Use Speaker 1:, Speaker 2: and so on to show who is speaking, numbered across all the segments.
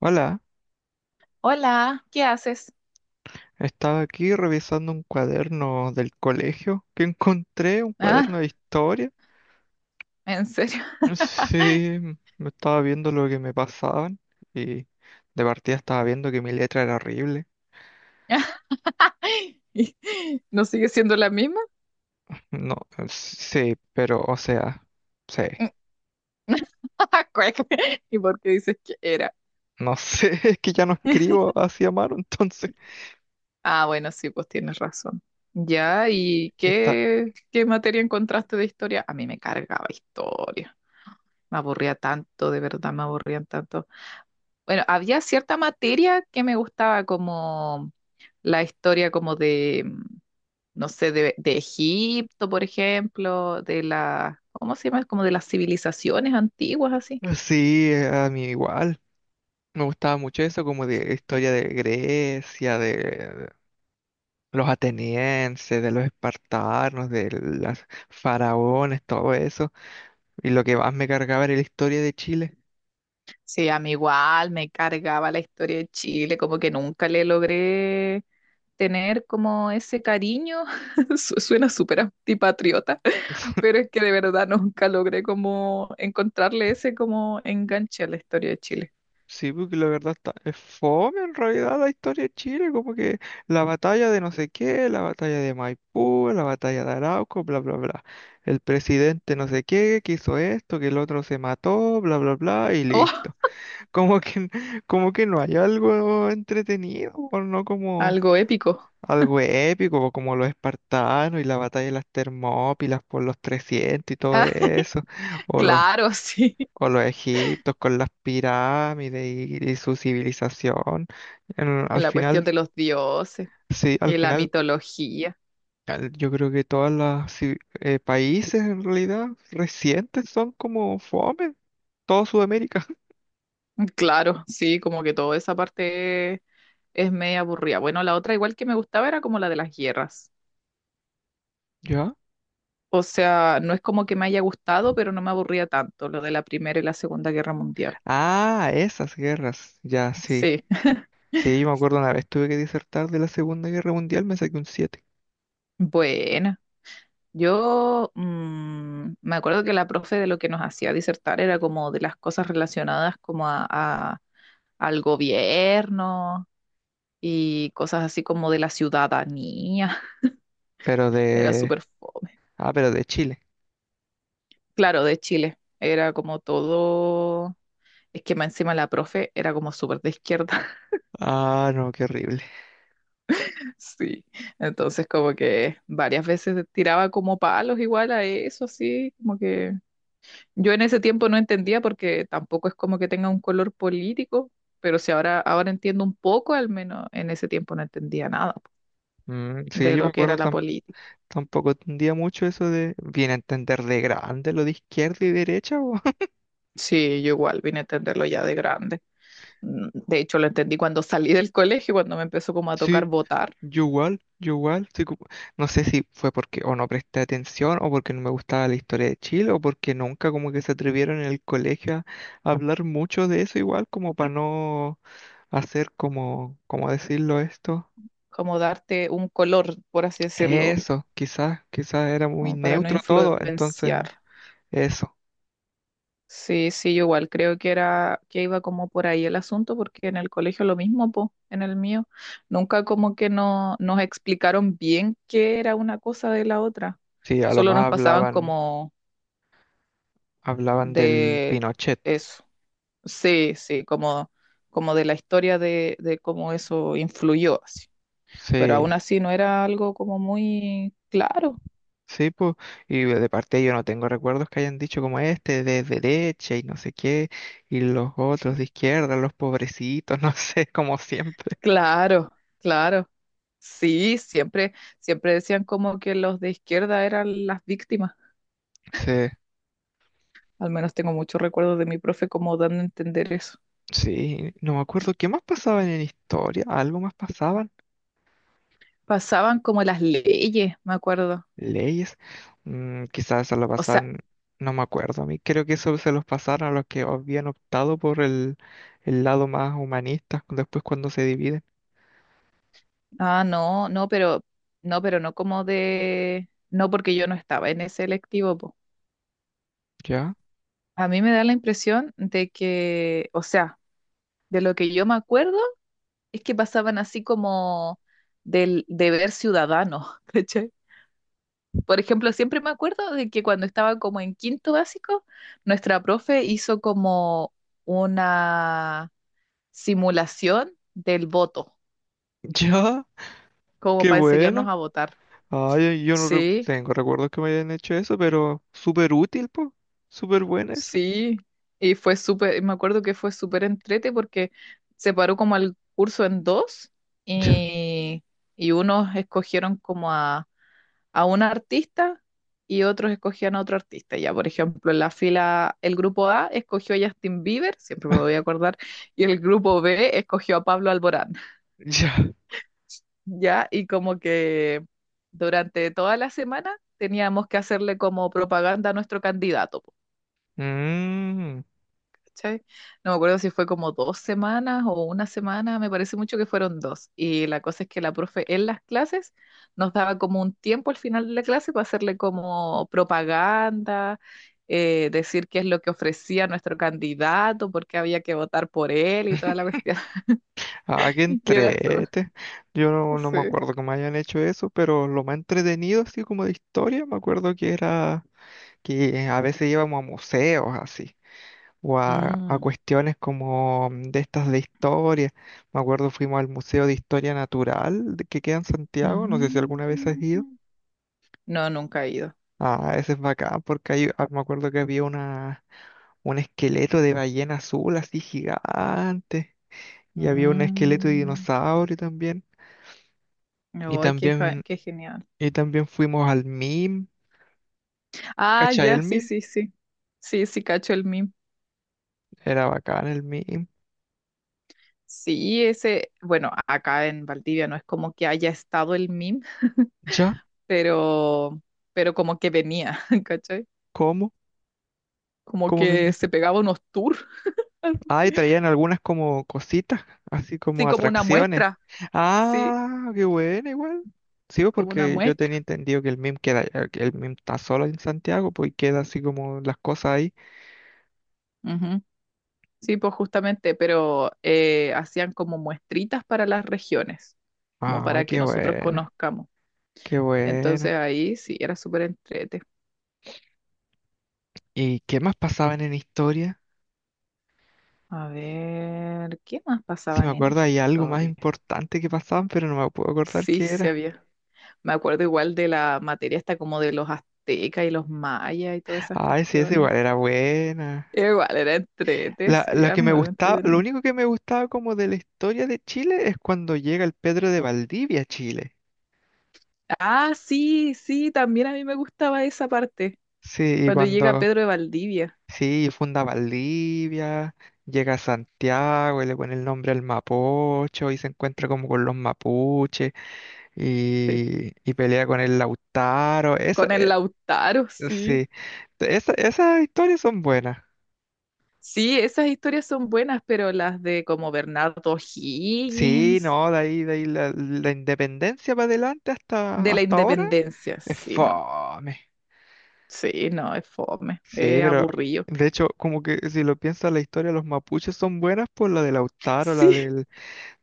Speaker 1: Hola,
Speaker 2: Hola, ¿qué haces?
Speaker 1: estaba aquí revisando un cuaderno del colegio que encontré, un cuaderno
Speaker 2: Ah,
Speaker 1: de historia.
Speaker 2: ¿en serio?
Speaker 1: Sí, me estaba viendo lo que me pasaban y de partida estaba viendo que mi letra era horrible.
Speaker 2: ¿Y ¿No sigue siendo la misma?
Speaker 1: No, sí, pero o sea, sí,
Speaker 2: Cuec. ¿Y por qué dices que era?
Speaker 1: no sé, es que ya no escribo así a mano, entonces
Speaker 2: Ah, bueno, sí, pues tienes razón. Ya, ¿y
Speaker 1: está,
Speaker 2: qué materia encontraste de historia? A mí me cargaba historia. Me aburría tanto, de verdad, me aburrían tanto. Bueno, había cierta materia que me gustaba como la historia como de, no sé, de Egipto, por ejemplo, de la, ¿cómo se llama? Como de las civilizaciones antiguas, así.
Speaker 1: sí, a mí igual. Me gustaba mucho eso como de historia de Grecia, de los atenienses, de los espartanos, de los faraones, todo eso. Y lo que más me cargaba era la historia de Chile.
Speaker 2: Sí, a mí igual me cargaba la historia de Chile, como que nunca le logré tener como ese cariño. Suena súper antipatriota, pero es que de verdad nunca logré como encontrarle ese como enganche a la historia de Chile.
Speaker 1: Sí, porque la verdad está, es fome en realidad la historia de Chile, como que la batalla de no sé qué, la batalla de Maipú, la batalla de Arauco, bla, bla, bla. El presidente no sé qué, que hizo esto, que el otro se mató, bla, bla, bla, y
Speaker 2: Oh,
Speaker 1: listo. Como que, como que no hay algo entretenido, o no como
Speaker 2: algo épico.
Speaker 1: algo épico, como los espartanos y la batalla de las Termópilas por los 300 y todo
Speaker 2: Ah,
Speaker 1: eso, o los,
Speaker 2: claro, sí.
Speaker 1: o los egiptos con las pirámides y su civilización.
Speaker 2: Y
Speaker 1: Al
Speaker 2: la cuestión
Speaker 1: final,
Speaker 2: de los dioses
Speaker 1: sí, al
Speaker 2: y la
Speaker 1: final,
Speaker 2: mitología.
Speaker 1: yo creo que todos los países en realidad recientes son como fome, todo Sudamérica.
Speaker 2: Claro, sí, como que toda esa parte es media aburrida. Bueno, la otra igual que me gustaba era como la de las guerras.
Speaker 1: ¿Ya?
Speaker 2: O sea, no es como que me haya gustado, pero no me aburría tanto lo de la Primera y la Segunda Guerra Mundial.
Speaker 1: Ah, esas guerras, ya, sí.
Speaker 2: Sí,
Speaker 1: Sí, yo me acuerdo una vez tuve que disertar de la Segunda Guerra Mundial, me saqué un siete.
Speaker 2: bueno, yo me acuerdo que la profe de lo que nos hacía disertar era como de las cosas relacionadas como al gobierno y cosas así como de la ciudadanía.
Speaker 1: Pero
Speaker 2: Era
Speaker 1: de,
Speaker 2: súper fome.
Speaker 1: ah, pero de Chile.
Speaker 2: Claro, de Chile. Era como todo. Es que más encima la profe era como súper de izquierda.
Speaker 1: Ah, no, qué horrible.
Speaker 2: Sí. Entonces, como que varias veces tiraba como palos igual a eso, así. Como que yo en ese tiempo no entendía porque tampoco es como que tenga un color político. Pero si ahora entiendo un poco, al menos en ese tiempo no entendía nada
Speaker 1: Mm, sí,
Speaker 2: de
Speaker 1: yo me
Speaker 2: lo que
Speaker 1: acuerdo
Speaker 2: era la política.
Speaker 1: tampoco entendía mucho eso de. Viene a entender de grande lo de izquierda y derecha, weón.
Speaker 2: Sí, yo igual vine a entenderlo ya de grande. De hecho, lo entendí cuando salí del colegio, cuando me empezó como a
Speaker 1: Sí,
Speaker 2: tocar votar
Speaker 1: yo igual, yo igual, sí, como, no sé si fue porque o no presté atención o porque no me gustaba la historia de Chile o porque nunca como que se atrevieron en el colegio a hablar mucho de eso igual como para no hacer como, ¿cómo decirlo esto?
Speaker 2: como darte un color, por así decirlo,
Speaker 1: Eso, quizás, quizás era muy
Speaker 2: como para no
Speaker 1: neutro todo, entonces
Speaker 2: influenciar.
Speaker 1: eso.
Speaker 2: Sí, sí, yo igual creo que era que iba como por ahí el asunto, porque en el colegio lo mismo, po, en el mío, nunca como que no nos explicaron bien qué era una cosa de la otra.
Speaker 1: Sí, a lo
Speaker 2: Solo
Speaker 1: más
Speaker 2: nos pasaban
Speaker 1: hablaban,
Speaker 2: como
Speaker 1: hablaban del
Speaker 2: de
Speaker 1: Pinochet.
Speaker 2: eso. Sí, sí, como de la historia de cómo eso influyó así. Pero aún
Speaker 1: Sí,
Speaker 2: así no era algo como muy claro.
Speaker 1: sí, pues. Y de parte yo no tengo recuerdos que hayan dicho como este, de derecha y no sé qué, y los otros de izquierda, los pobrecitos, no sé, como siempre.
Speaker 2: Claro, claro. Sí, siempre, siempre decían como que los de izquierda eran las víctimas.
Speaker 1: Sí,
Speaker 2: Al menos tengo muchos recuerdos de mi profe como dando a entender eso.
Speaker 1: sí, no me acuerdo qué más pasaban en historia, algo más pasaban,
Speaker 2: Pasaban como las leyes, me acuerdo.
Speaker 1: leyes, mm, quizás se lo
Speaker 2: O sea,
Speaker 1: pasaban, no me acuerdo a mí. Creo que eso se los pasaron a los que habían optado por el lado más humanista después cuando se dividen.
Speaker 2: ah, no, no, pero no como de, no porque yo no estaba en ese electivo, po.
Speaker 1: ¿Ya?
Speaker 2: A mí me da la impresión de que, o sea, de lo que yo me acuerdo es que pasaban así como del deber ciudadano, ¿cachai? Por ejemplo, siempre me acuerdo de que cuando estaba como en quinto básico, nuestra profe hizo como una simulación del voto,
Speaker 1: Ya,
Speaker 2: como
Speaker 1: qué
Speaker 2: para enseñarnos
Speaker 1: buena.
Speaker 2: a votar.
Speaker 1: Ay, yo no
Speaker 2: Sí,
Speaker 1: tengo recuerdos que me hayan hecho eso, pero súper útil, po. Súper buena esa.
Speaker 2: sí. Y fue súper, me acuerdo que fue súper entrete porque separó como el curso en dos
Speaker 1: Ya,
Speaker 2: y, y unos escogieron como a un artista y otros escogían a otro artista. Ya, por ejemplo, en la fila, el grupo A escogió a Justin Bieber, siempre me voy a acordar, y el grupo B escogió a Pablo Alborán.
Speaker 1: ya.
Speaker 2: Ya, y como que durante toda la semana teníamos que hacerle como propaganda a nuestro candidato.
Speaker 1: Mm.
Speaker 2: ¿Cachai? No me acuerdo si fue como 2 semanas o una semana, me parece mucho que fueron dos. Y la cosa es que la profe en las clases nos daba como un tiempo al final de la clase para hacerle como propaganda, decir qué es lo que ofrecía nuestro candidato, por qué había que votar por él y toda la cuestión.
Speaker 1: Ah, qué
Speaker 2: Y era
Speaker 1: entrete. Yo no, no me
Speaker 2: sí.
Speaker 1: acuerdo que me hayan hecho eso, pero lo más entretenido, así como de historia, me acuerdo que era que a veces íbamos a museos, así, o a
Speaker 2: Mm.
Speaker 1: cuestiones como mm, de estas de historia. Me acuerdo fuimos al Museo de Historia Natural que queda en Santiago, no sé si
Speaker 2: Mm.
Speaker 1: alguna vez has ido.
Speaker 2: No, nunca he ido.
Speaker 1: Ah, ese es bacán porque ahí ah, me acuerdo que había una, un esqueleto de ballena azul así gigante y había un esqueleto de
Speaker 2: Mm.
Speaker 1: dinosaurio también. Y
Speaker 2: Ay,
Speaker 1: también,
Speaker 2: qué genial.
Speaker 1: y también fuimos al MIM,
Speaker 2: Ah,
Speaker 1: ¿cachai?
Speaker 2: ya,
Speaker 1: El
Speaker 2: sí,
Speaker 1: MIM,
Speaker 2: sí, sí. Sí, sí, cacho el meme.
Speaker 1: era bacán el MIM.
Speaker 2: Sí, ese, bueno, acá en Valdivia no es como que haya estado el meme,
Speaker 1: ¿Ya?
Speaker 2: pero, pero como que venía, ¿Cachai?
Speaker 1: ¿Cómo?
Speaker 2: Como
Speaker 1: ¿Cómo?
Speaker 2: que se pegaba unos tours,
Speaker 1: Ay, traían algunas como cositas, así
Speaker 2: sí,
Speaker 1: como
Speaker 2: como una
Speaker 1: atracciones.
Speaker 2: muestra, sí,
Speaker 1: Ah, qué bueno, igual. Sí, pues,
Speaker 2: como una
Speaker 1: porque yo tenía
Speaker 2: muestra.
Speaker 1: entendido que el MIM queda, que el MIM está solo en Santiago, pues, y queda así como las cosas ahí.
Speaker 2: Ujú. Sí, pues justamente, pero hacían como muestritas para las regiones, como
Speaker 1: Ah,
Speaker 2: para que
Speaker 1: qué
Speaker 2: nosotros
Speaker 1: buena,
Speaker 2: conozcamos.
Speaker 1: qué
Speaker 2: Entonces
Speaker 1: buena.
Speaker 2: ahí sí, era súper entrete.
Speaker 1: ¿Y qué más pasaban en historia?
Speaker 2: A ver, ¿qué más
Speaker 1: Si me
Speaker 2: pasaban en
Speaker 1: acuerdo, hay algo más
Speaker 2: historia?
Speaker 1: importante que pasaban, pero no me puedo acordar
Speaker 2: Sí,
Speaker 1: qué
Speaker 2: se
Speaker 1: era.
Speaker 2: había. Me acuerdo igual de la materia hasta como de los aztecas y los mayas y todas esas
Speaker 1: Ay, sí, esa
Speaker 2: cuestiones.
Speaker 1: igual era buena.
Speaker 2: Igual era entrete, sí,
Speaker 1: La
Speaker 2: a
Speaker 1: que
Speaker 2: mí
Speaker 1: me
Speaker 2: igual me
Speaker 1: gustaba, lo
Speaker 2: entretenía.
Speaker 1: único que me gustaba como de la historia de Chile es cuando llega el Pedro de Valdivia a Chile.
Speaker 2: Ah, sí, sí, también a mí me gustaba esa parte,
Speaker 1: Sí, y
Speaker 2: cuando llega
Speaker 1: cuando,
Speaker 2: Pedro de Valdivia,
Speaker 1: sí, funda Valdivia, llega a Santiago y le pone el nombre al Mapocho y se encuentra como con los mapuches
Speaker 2: sí,
Speaker 1: y pelea con el Lautaro. Esa,
Speaker 2: con el Lautaro, sí.
Speaker 1: sí, esas historias son buenas.
Speaker 2: Sí, esas historias son buenas, pero las de como Bernardo
Speaker 1: Sí,
Speaker 2: Higgins,
Speaker 1: no, de ahí la independencia para adelante hasta,
Speaker 2: de la
Speaker 1: hasta ahora
Speaker 2: Independencia,
Speaker 1: es
Speaker 2: sí, no,
Speaker 1: fome.
Speaker 2: sí, no, es fome,
Speaker 1: Sí,
Speaker 2: es
Speaker 1: pero
Speaker 2: aburrido.
Speaker 1: de hecho, como que si lo piensas, la historia de los mapuches son buenas por la de Lautaro, la
Speaker 2: Sí,
Speaker 1: del,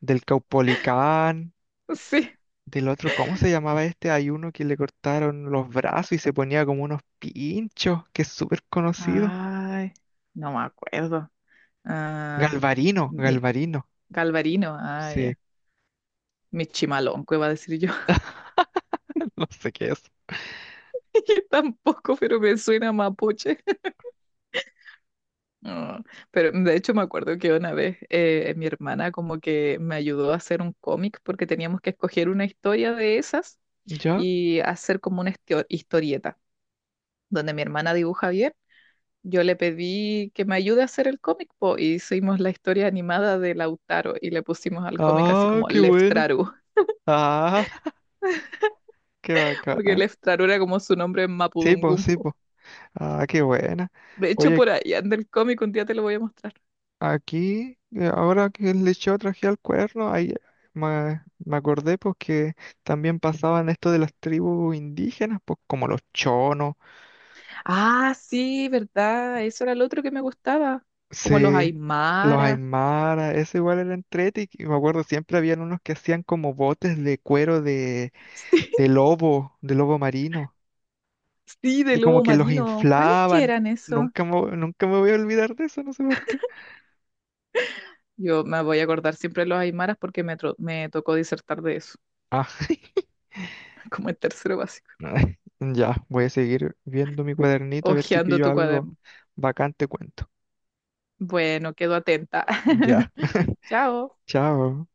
Speaker 1: del Caupolicán.
Speaker 2: sí.
Speaker 1: Del otro, ¿cómo se llamaba este? Hay uno que le cortaron los brazos y se ponía como unos pinchos, que es súper conocido.
Speaker 2: Ay, no me acuerdo. Ah,
Speaker 1: Galvarino,
Speaker 2: mi-
Speaker 1: Galvarino.
Speaker 2: Galvarino, ah,
Speaker 1: Sí,
Speaker 2: ya. Michimalonco iba a decir yo.
Speaker 1: no sé qué es.
Speaker 2: Yo tampoco, pero me suena mapuche. No, pero de hecho me acuerdo que una vez mi hermana como que me ayudó a hacer un cómic porque teníamos que escoger una historia de esas
Speaker 1: ¿Ya?
Speaker 2: y hacer como una historieta donde mi hermana dibuja bien. Yo le pedí que me ayude a hacer el cómic po, y hicimos la historia animada de Lautaro y le pusimos al cómic así
Speaker 1: Ah,
Speaker 2: como
Speaker 1: qué bueno.
Speaker 2: Leftraru,
Speaker 1: Ah, qué
Speaker 2: porque el
Speaker 1: bacán.
Speaker 2: Eftaro era como su nombre en
Speaker 1: Sí, pues, sí,
Speaker 2: Mapudungumpo.
Speaker 1: pues. Ah, qué buena.
Speaker 2: De hecho,
Speaker 1: Oye,
Speaker 2: por ahí anda el cómic, un día te lo voy a mostrar.
Speaker 1: aquí, ahora que le yo traje al cuerno, ahí me acordé pues que también pasaban esto de las tribus indígenas, pues como los chonos.
Speaker 2: Ah, sí, verdad, eso era el otro que me gustaba,
Speaker 1: Sí,
Speaker 2: como los
Speaker 1: los
Speaker 2: Aymara.
Speaker 1: Aymara, eso igual era entrete, y me acuerdo siempre habían unos que hacían como botes de cuero
Speaker 2: Sí,
Speaker 1: de lobo marino,
Speaker 2: sí, de
Speaker 1: y como
Speaker 2: lobo
Speaker 1: que los
Speaker 2: marino. ¿Cuáles que
Speaker 1: inflaban.
Speaker 2: eran eso?
Speaker 1: Nunca me, Nunca me voy a olvidar de eso, no sé por qué.
Speaker 2: Yo me voy a acordar siempre de los Aymaras porque me tocó disertar de eso,
Speaker 1: Ah,
Speaker 2: como el tercero básico,
Speaker 1: ay, ya, voy a seguir viendo mi cuadernito a ver si
Speaker 2: hojeando
Speaker 1: pillo
Speaker 2: tu
Speaker 1: algo
Speaker 2: cuaderno.
Speaker 1: bacán, te cuento.
Speaker 2: Bueno, quedo atenta.
Speaker 1: Ya,
Speaker 2: Chao.
Speaker 1: chao.